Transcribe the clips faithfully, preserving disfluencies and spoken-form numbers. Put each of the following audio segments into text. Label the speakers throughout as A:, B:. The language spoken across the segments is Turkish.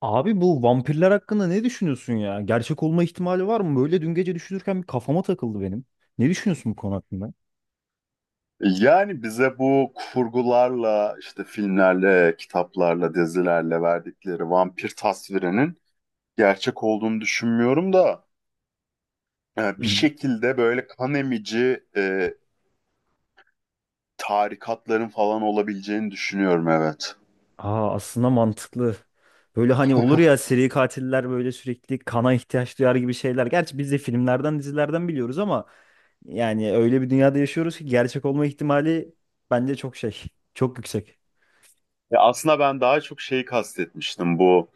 A: Abi bu vampirler hakkında ne düşünüyorsun ya? Gerçek olma ihtimali var mı? Böyle dün gece düşünürken bir kafama takıldı benim. Ne düşünüyorsun bu konu hakkında?
B: Yani bize bu kurgularla, işte filmlerle, kitaplarla, dizilerle verdikleri vampir tasvirinin gerçek olduğunu düşünmüyorum da e,
A: Hı
B: bir
A: hı.
B: şekilde böyle kan emici e, tarikatların falan olabileceğini düşünüyorum, evet.
A: Aa aslında mantıklı. Böyle hani olur ya seri katiller böyle sürekli kana ihtiyaç duyar gibi şeyler. Gerçi biz de filmlerden, dizilerden biliyoruz ama yani öyle bir dünyada yaşıyoruz ki gerçek olma ihtimali bence çok şey, çok yüksek.
B: Ya aslında ben daha çok şeyi kastetmiştim, bu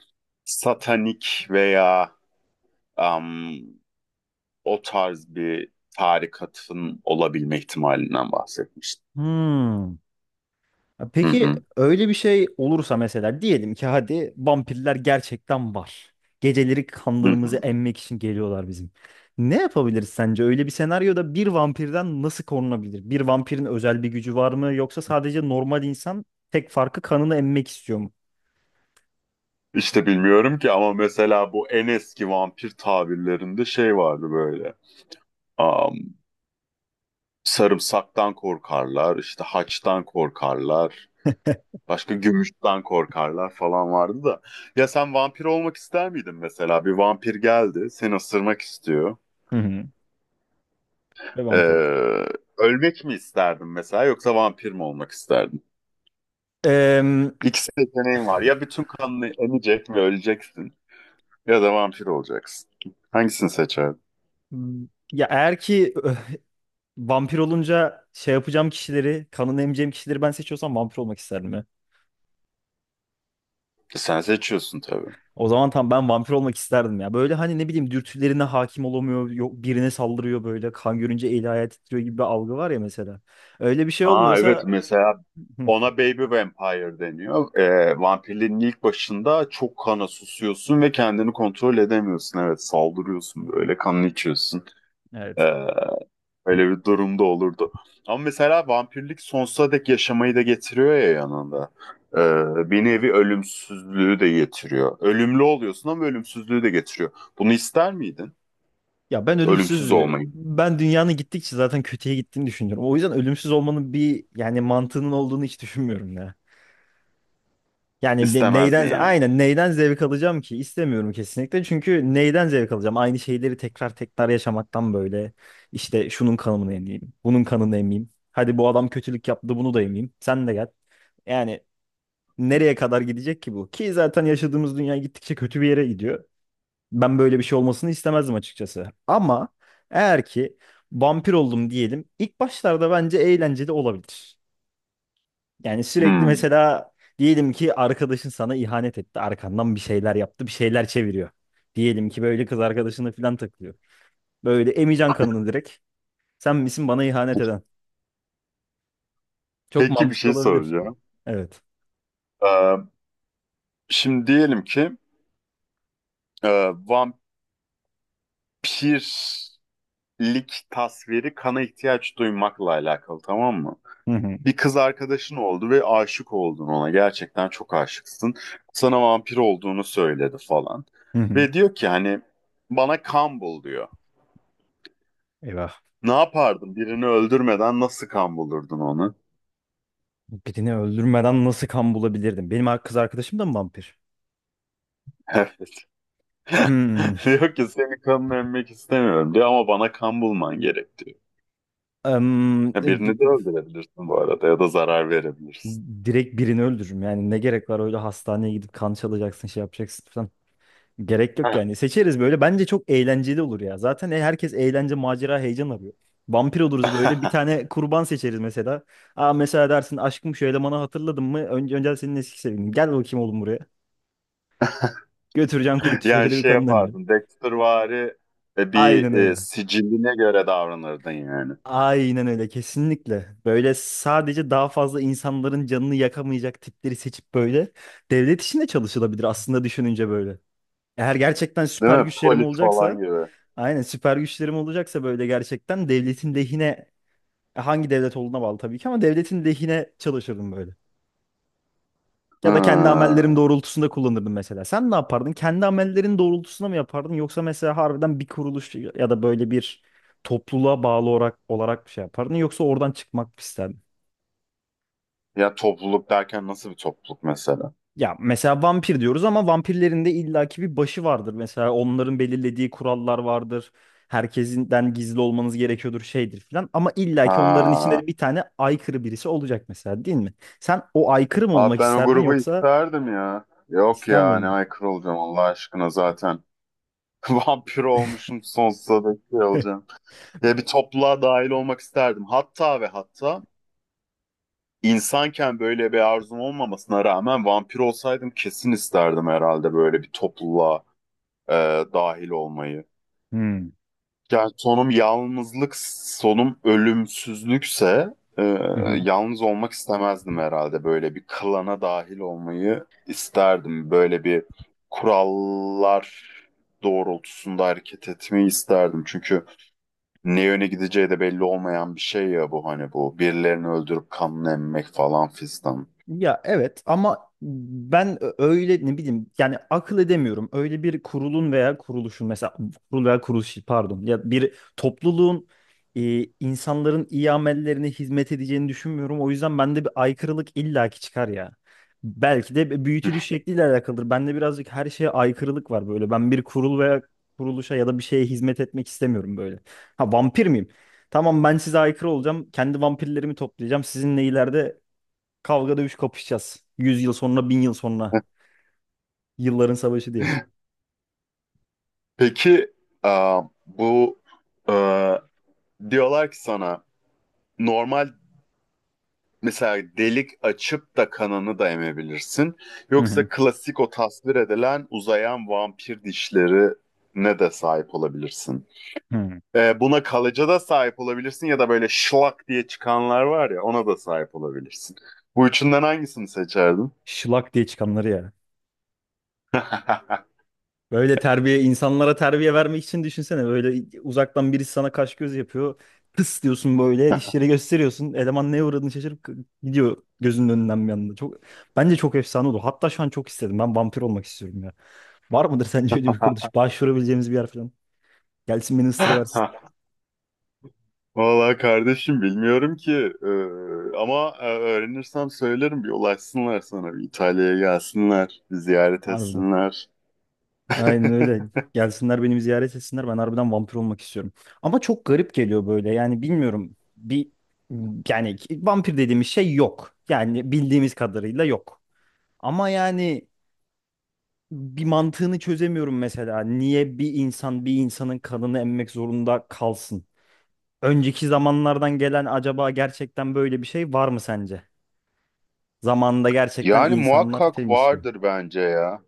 B: satanik veya am, o tarz bir tarikatın olabilme ihtimalinden bahsetmiştim.
A: Hmm. Ya
B: Hı
A: peki
B: hı.
A: öyle bir şey olursa mesela diyelim ki hadi vampirler gerçekten var. Geceleri
B: Hı
A: kanlarımızı
B: hı.
A: emmek için geliyorlar bizim. Ne yapabiliriz sence? Öyle bir senaryoda bir vampirden nasıl korunabilir? Bir vampirin özel bir gücü var mı? Yoksa sadece normal insan tek farkı kanını emmek istiyor mu?
B: İşte bilmiyorum ki ama mesela bu en eski vampir tabirlerinde şey vardı böyle. Am, Sarımsaktan korkarlar, işte haçtan korkarlar, başka gümüşten korkarlar falan vardı da. Ya sen vampir olmak ister miydin mesela? Bir vampir geldi, seni ısırmak istiyor.
A: Hı hı. Ve vampir olacağım.
B: Ee, Ölmek mi isterdin mesela yoksa vampir mi olmak isterdin?
A: Eee,
B: İkisi seçeneğin var. Ya bütün kanını emecek ve öleceksin ya da vampir olacaksın. Hangisini seçerdin?
A: ya eğer ki ö, vampir olunca şey yapacağım kişileri, kanını emeceğim kişileri ben seçiyorsam vampir olmak isterdim ya.
B: Sen seçiyorsun tabii.
A: O zaman tam ben vampir olmak isterdim ya. Böyle hani ne bileyim dürtülerine hakim olamıyor. Yok birine saldırıyor böyle. Kan görünce eli ayağı titriyor gibi bir algı var ya mesela. Öyle bir şey
B: Ha evet,
A: olmuyorsa
B: mesela
A: Hı,
B: ona Baby Vampire deniyor. Ee, vampirlerin ilk başında çok kana susuyorsun ve kendini kontrol edemiyorsun. Evet, saldırıyorsun böyle, kanını içiyorsun. Ee,
A: evet.
B: Öyle bir durumda olurdu. Ama mesela vampirlik sonsuza dek yaşamayı da getiriyor ya yanında. Ee, bir nevi ölümsüzlüğü de getiriyor. Ölümlü oluyorsun ama ölümsüzlüğü de getiriyor. Bunu ister miydin?
A: Ya ben
B: Ölümsüz
A: ölümsüz
B: olmayı.
A: ben dünyanın gittikçe zaten kötüye gittiğini düşünüyorum. O yüzden ölümsüz olmanın bir yani mantığının olduğunu hiç düşünmüyorum ya. Yani ne-
B: İstemezdin
A: neyden
B: yani.
A: aynen neyden zevk alacağım ki? İstemiyorum kesinlikle. Çünkü neyden zevk alacağım? Aynı şeyleri tekrar tekrar yaşamaktan böyle işte şunun kanını emeyim, bunun kanını emeyim. Hadi bu adam kötülük yaptı, bunu da emeyim. Sen de gel. Yani nereye kadar gidecek ki bu? Ki zaten yaşadığımız dünya gittikçe kötü bir yere gidiyor. Ben böyle bir şey olmasını istemezdim açıkçası. Ama eğer ki vampir oldum diyelim, ilk başlarda bence eğlenceli olabilir. Yani sürekli
B: Hmm.
A: mesela diyelim ki arkadaşın sana ihanet etti. Arkandan bir şeyler yaptı, bir şeyler çeviriyor. Diyelim ki böyle kız arkadaşına falan takılıyor. Böyle emeceksin kanını direkt. Sen misin bana ihanet eden? Çok
B: Peki, bir
A: mantıklı
B: şey
A: olabilir.
B: soracağım.
A: Evet.
B: Ee, Şimdi diyelim ki Ee, vampirlik tasviri kana ihtiyaç duymakla alakalı, tamam mı?
A: Hı hı.
B: Bir kız arkadaşın oldu ve aşık oldun ona. Gerçekten çok aşıksın. Sana vampir olduğunu söyledi falan.
A: Hı hı.
B: Ve diyor ki, hani bana kan bul diyor.
A: Eyvah.
B: Ne yapardın? Birini öldürmeden nasıl kan bulurdun onu?
A: Birini öldürmeden nasıl kan bulabilirdim? Benim kız arkadaşım da mı vampir?
B: Evet.
A: Hmm.
B: Diyor ki seni kanını emmek istemiyorum diyor, ama bana kan bulman gerek diyor.
A: Em,
B: Ya
A: e, bi-
B: birini de öldürebilirsin bu arada, ya da zarar verebilirsin.
A: direkt birini öldürürüm. Yani ne gerek var öyle hastaneye gidip kan çalacaksın, şey yapacaksın falan. Gerek yok yani. Seçeriz böyle. Bence çok eğlenceli olur ya. Zaten e- herkes eğlence, macera, heyecan arıyor. Vampir oluruz böyle. Bir tane kurban seçeriz mesela. Aa mesela dersin aşkım şu elemanı hatırladın mı? Önce, önce senin eski sevgilin. Gel bakayım oğlum buraya. Götüreceksin kuytu
B: Yani
A: köşede bir
B: şey
A: kadın emeceksin.
B: yapardın. Dextervari e, bir
A: Aynen
B: e,
A: öyle.
B: siciline göre davranırdın yani.
A: Aynen öyle kesinlikle. Böyle sadece daha fazla insanların canını yakamayacak tipleri seçip böyle devlet işinde çalışılabilir aslında düşününce böyle. Eğer gerçekten
B: Değil
A: süper
B: mi?
A: güçlerim
B: Polis falan
A: olacaksa,
B: gibi.
A: aynen süper güçlerim olacaksa böyle gerçekten devletin lehine e, hangi devlet olduğuna bağlı tabii ki ama devletin lehine çalışırdım böyle. Ya da kendi
B: Hı.
A: amellerim doğrultusunda kullanırdım mesela. Sen ne yapardın? Kendi amellerin doğrultusunda mı yapardın yoksa mesela harbiden bir kuruluş ya da böyle bir topluluğa bağlı olarak olarak bir şey yapardın yoksa oradan çıkmak mı isterdin?
B: Ya topluluk derken nasıl bir topluluk mesela?
A: Ya mesela vampir diyoruz ama vampirlerin de illaki bir başı vardır. Mesela onların belirlediği kurallar vardır. Herkesinden gizli olmanız gerekiyordur şeydir filan. Ama illaki onların içinde
B: Ha.
A: de bir tane aykırı birisi olacak mesela değil mi? Sen o aykırı mı
B: Abi
A: olmak
B: ben o
A: isterdin
B: grubu
A: yoksa
B: isterdim ya. Yok
A: ister
B: ya, ne
A: miydin?
B: aykırı olacağım Allah aşkına zaten. Vampir olmuşum, sonsuza dek şey olacağım. Ya bir topluluğa dahil olmak isterdim. Hatta ve hatta insanken böyle bir arzum olmamasına rağmen vampir olsaydım kesin isterdim herhalde böyle bir topluluğa e, dahil olmayı.
A: Hmm.
B: Yani sonum yalnızlık, sonum ölümsüzlükse e, yalnız olmak istemezdim herhalde. Böyle bir klana dahil olmayı isterdim. Böyle bir kurallar doğrultusunda hareket etmeyi isterdim. Çünkü ne yöne gideceği de belli olmayan bir şey ya bu, hani bu. Birilerini öldürüp kanını emmek falan fistan.
A: Ya evet ama ben ö- öyle ne bileyim yani akıl edemiyorum. Öyle bir kurulun veya kuruluşun mesela kurul veya kuruluş pardon ya bir topluluğun e, insanların iyi amellerine hizmet edeceğini düşünmüyorum. O yüzden bende bir aykırılık illaki çıkar ya. Belki de büyütülüş şekliyle alakalıdır. Bende birazcık her şeye aykırılık var böyle. Ben bir kurul veya kuruluşa ya da bir şeye hizmet etmek istemiyorum böyle. Ha vampir miyim? Tamam ben size aykırı olacağım. Kendi vampirlerimi toplayacağım. Sizinle ileride kavga dövüş kapışacağız. Yüz yıl sonra, bin yıl sonra. Yılların savaşı diye.
B: Peki e, bu e, diyorlar ki sana normal, mesela delik açıp da kanını da emebilirsin.
A: Hı hı.
B: Yoksa klasik o tasvir edilen uzayan vampir dişleri ne de sahip olabilirsin.
A: Hı.
B: Ee, buna kalıcı da sahip olabilirsin ya da böyle şlak diye çıkanlar var ya, ona da sahip olabilirsin. Bu üçünden hangisini seçerdin?
A: Şılak diye çıkanları ya. Böyle terbiye, insanlara terbiye vermek için düşünsene. Böyle uzaktan birisi sana kaş göz yapıyor. Tıs diyorsun böyle dişleri gösteriyorsun. Eleman neye uğradığını şaşırıp gidiyor gözünün önünden bir anda. Çok, bence çok efsane olur. Hatta şu an çok istedim. Ben vampir olmak istiyorum ya. Var mıdır sence öyle bir kuruluş? Başvurabileceğimiz bir yer falan. Gelsin beni ısırıversin.
B: Vallahi kardeşim bilmiyorum ki. Ee, ama e, öğrenirsem söylerim, bir ulaşsınlar sana, bir İtalya'ya gelsinler, bir ziyaret
A: Harbiden.
B: etsinler.
A: Aynen öyle. Gelsinler beni bir ziyaret etsinler. Ben harbiden vampir olmak istiyorum. Ama çok garip geliyor böyle. Yani bilmiyorum. Bir yani vampir dediğimiz şey yok. Yani bildiğimiz kadarıyla yok. Ama yani bir mantığını çözemiyorum mesela. Niye bir insan bir insanın kanını emmek zorunda kalsın? Önceki zamanlardan gelen acaba gerçekten böyle bir şey var mı sence? Zamanında gerçekten
B: Yani
A: insanlar şey
B: muhakkak
A: mi istiyor?
B: vardır bence ya.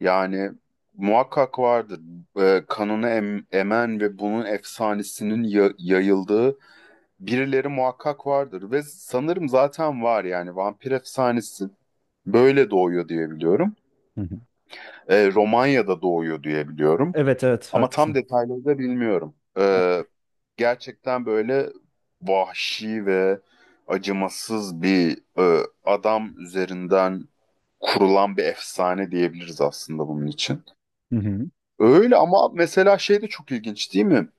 B: Yani muhakkak vardır. Ee, kanını em- emen ve bunun efsanesinin ya- yayıldığı birileri muhakkak vardır. Ve sanırım zaten var, yani vampir efsanesi böyle doğuyor diye biliyorum.
A: Hı hı.
B: Ee, Romanya'da doğuyor diye biliyorum.
A: Evet evet
B: Ama tam
A: haklısın.
B: detayları da bilmiyorum. Ee, gerçekten böyle vahşi ve acımasız bir e, adam üzerinden kurulan bir efsane diyebiliriz aslında bunun için.
A: Hı hı.
B: Öyle, ama mesela şey de çok ilginç değil mi?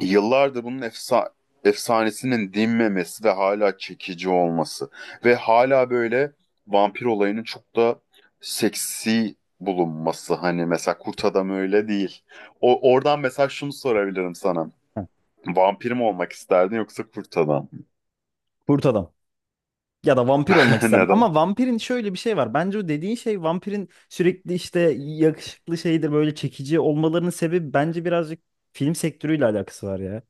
B: Yıllardır bunun efsa efsanesinin dinmemesi ve hala çekici olması ve hala böyle vampir olayının çok da seksi bulunması, hani mesela Kurt Adam öyle değil. O oradan mesela şunu sorabilirim sana.
A: Heh,
B: Vampir mi olmak isterdin yoksa kurt adam mı?
A: kurt adam. Ya da vampir olmak isterdim.
B: Neden?
A: Ama vampirin şöyle bir şey var. Bence o dediğin şey vampirin sürekli işte yakışıklı şeydir böyle çekici olmalarının sebebi bence birazcık film sektörüyle alakası var ya.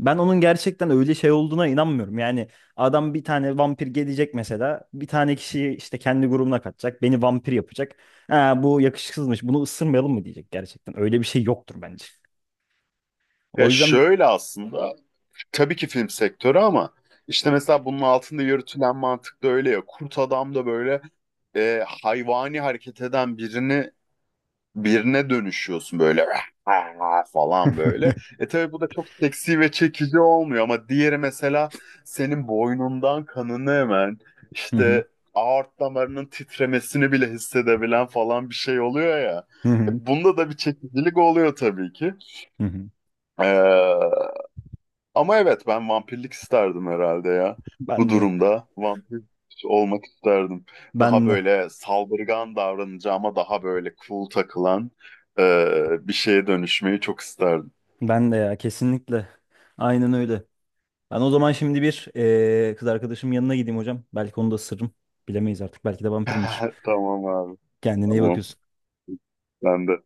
A: Ben onun gerçekten öyle şey olduğuna inanmıyorum. Yani adam bir tane vampir gelecek mesela. Bir tane kişiyi işte kendi grubuna katacak. Beni vampir yapacak. Ha, bu yakışıksızmış. Bunu ısırmayalım mı diyecek gerçekten. Öyle bir şey yoktur bence. O
B: Ya
A: yüzden
B: şöyle, aslında tabii ki film sektörü, ama işte mesela bunun altında yürütülen mantık da öyle ya. Kurt adam da böyle e, hayvani hareket eden birini birine dönüşüyorsun böyle falan böyle. E tabii bu da çok seksi ve çekici olmuyor, ama diğeri mesela senin boynundan kanını hemen
A: Hı hı.
B: işte aort damarının titremesini bile hissedebilen falan bir şey oluyor ya.
A: Hı hı.
B: E, bunda da bir çekicilik oluyor tabii ki.
A: Hı hı.
B: Ee, Ama evet, ben vampirlik isterdim herhalde ya. Bu
A: Ben de.
B: durumda vampir olmak isterdim. Daha
A: Ben de.
B: böyle saldırgan davranacağıma daha böyle cool takılan e, bir şeye dönüşmeyi çok isterdim.
A: Ben de ya kesinlikle. Aynen öyle. Ben o zaman şimdi bir eee, kız arkadaşımın yanına gideyim hocam. Belki onu da ısırırım. Bilemeyiz artık. Belki de vampirimdir.
B: Tamam abi.
A: Kendine iyi
B: Tamam.
A: bakıyorsun.
B: Ben de.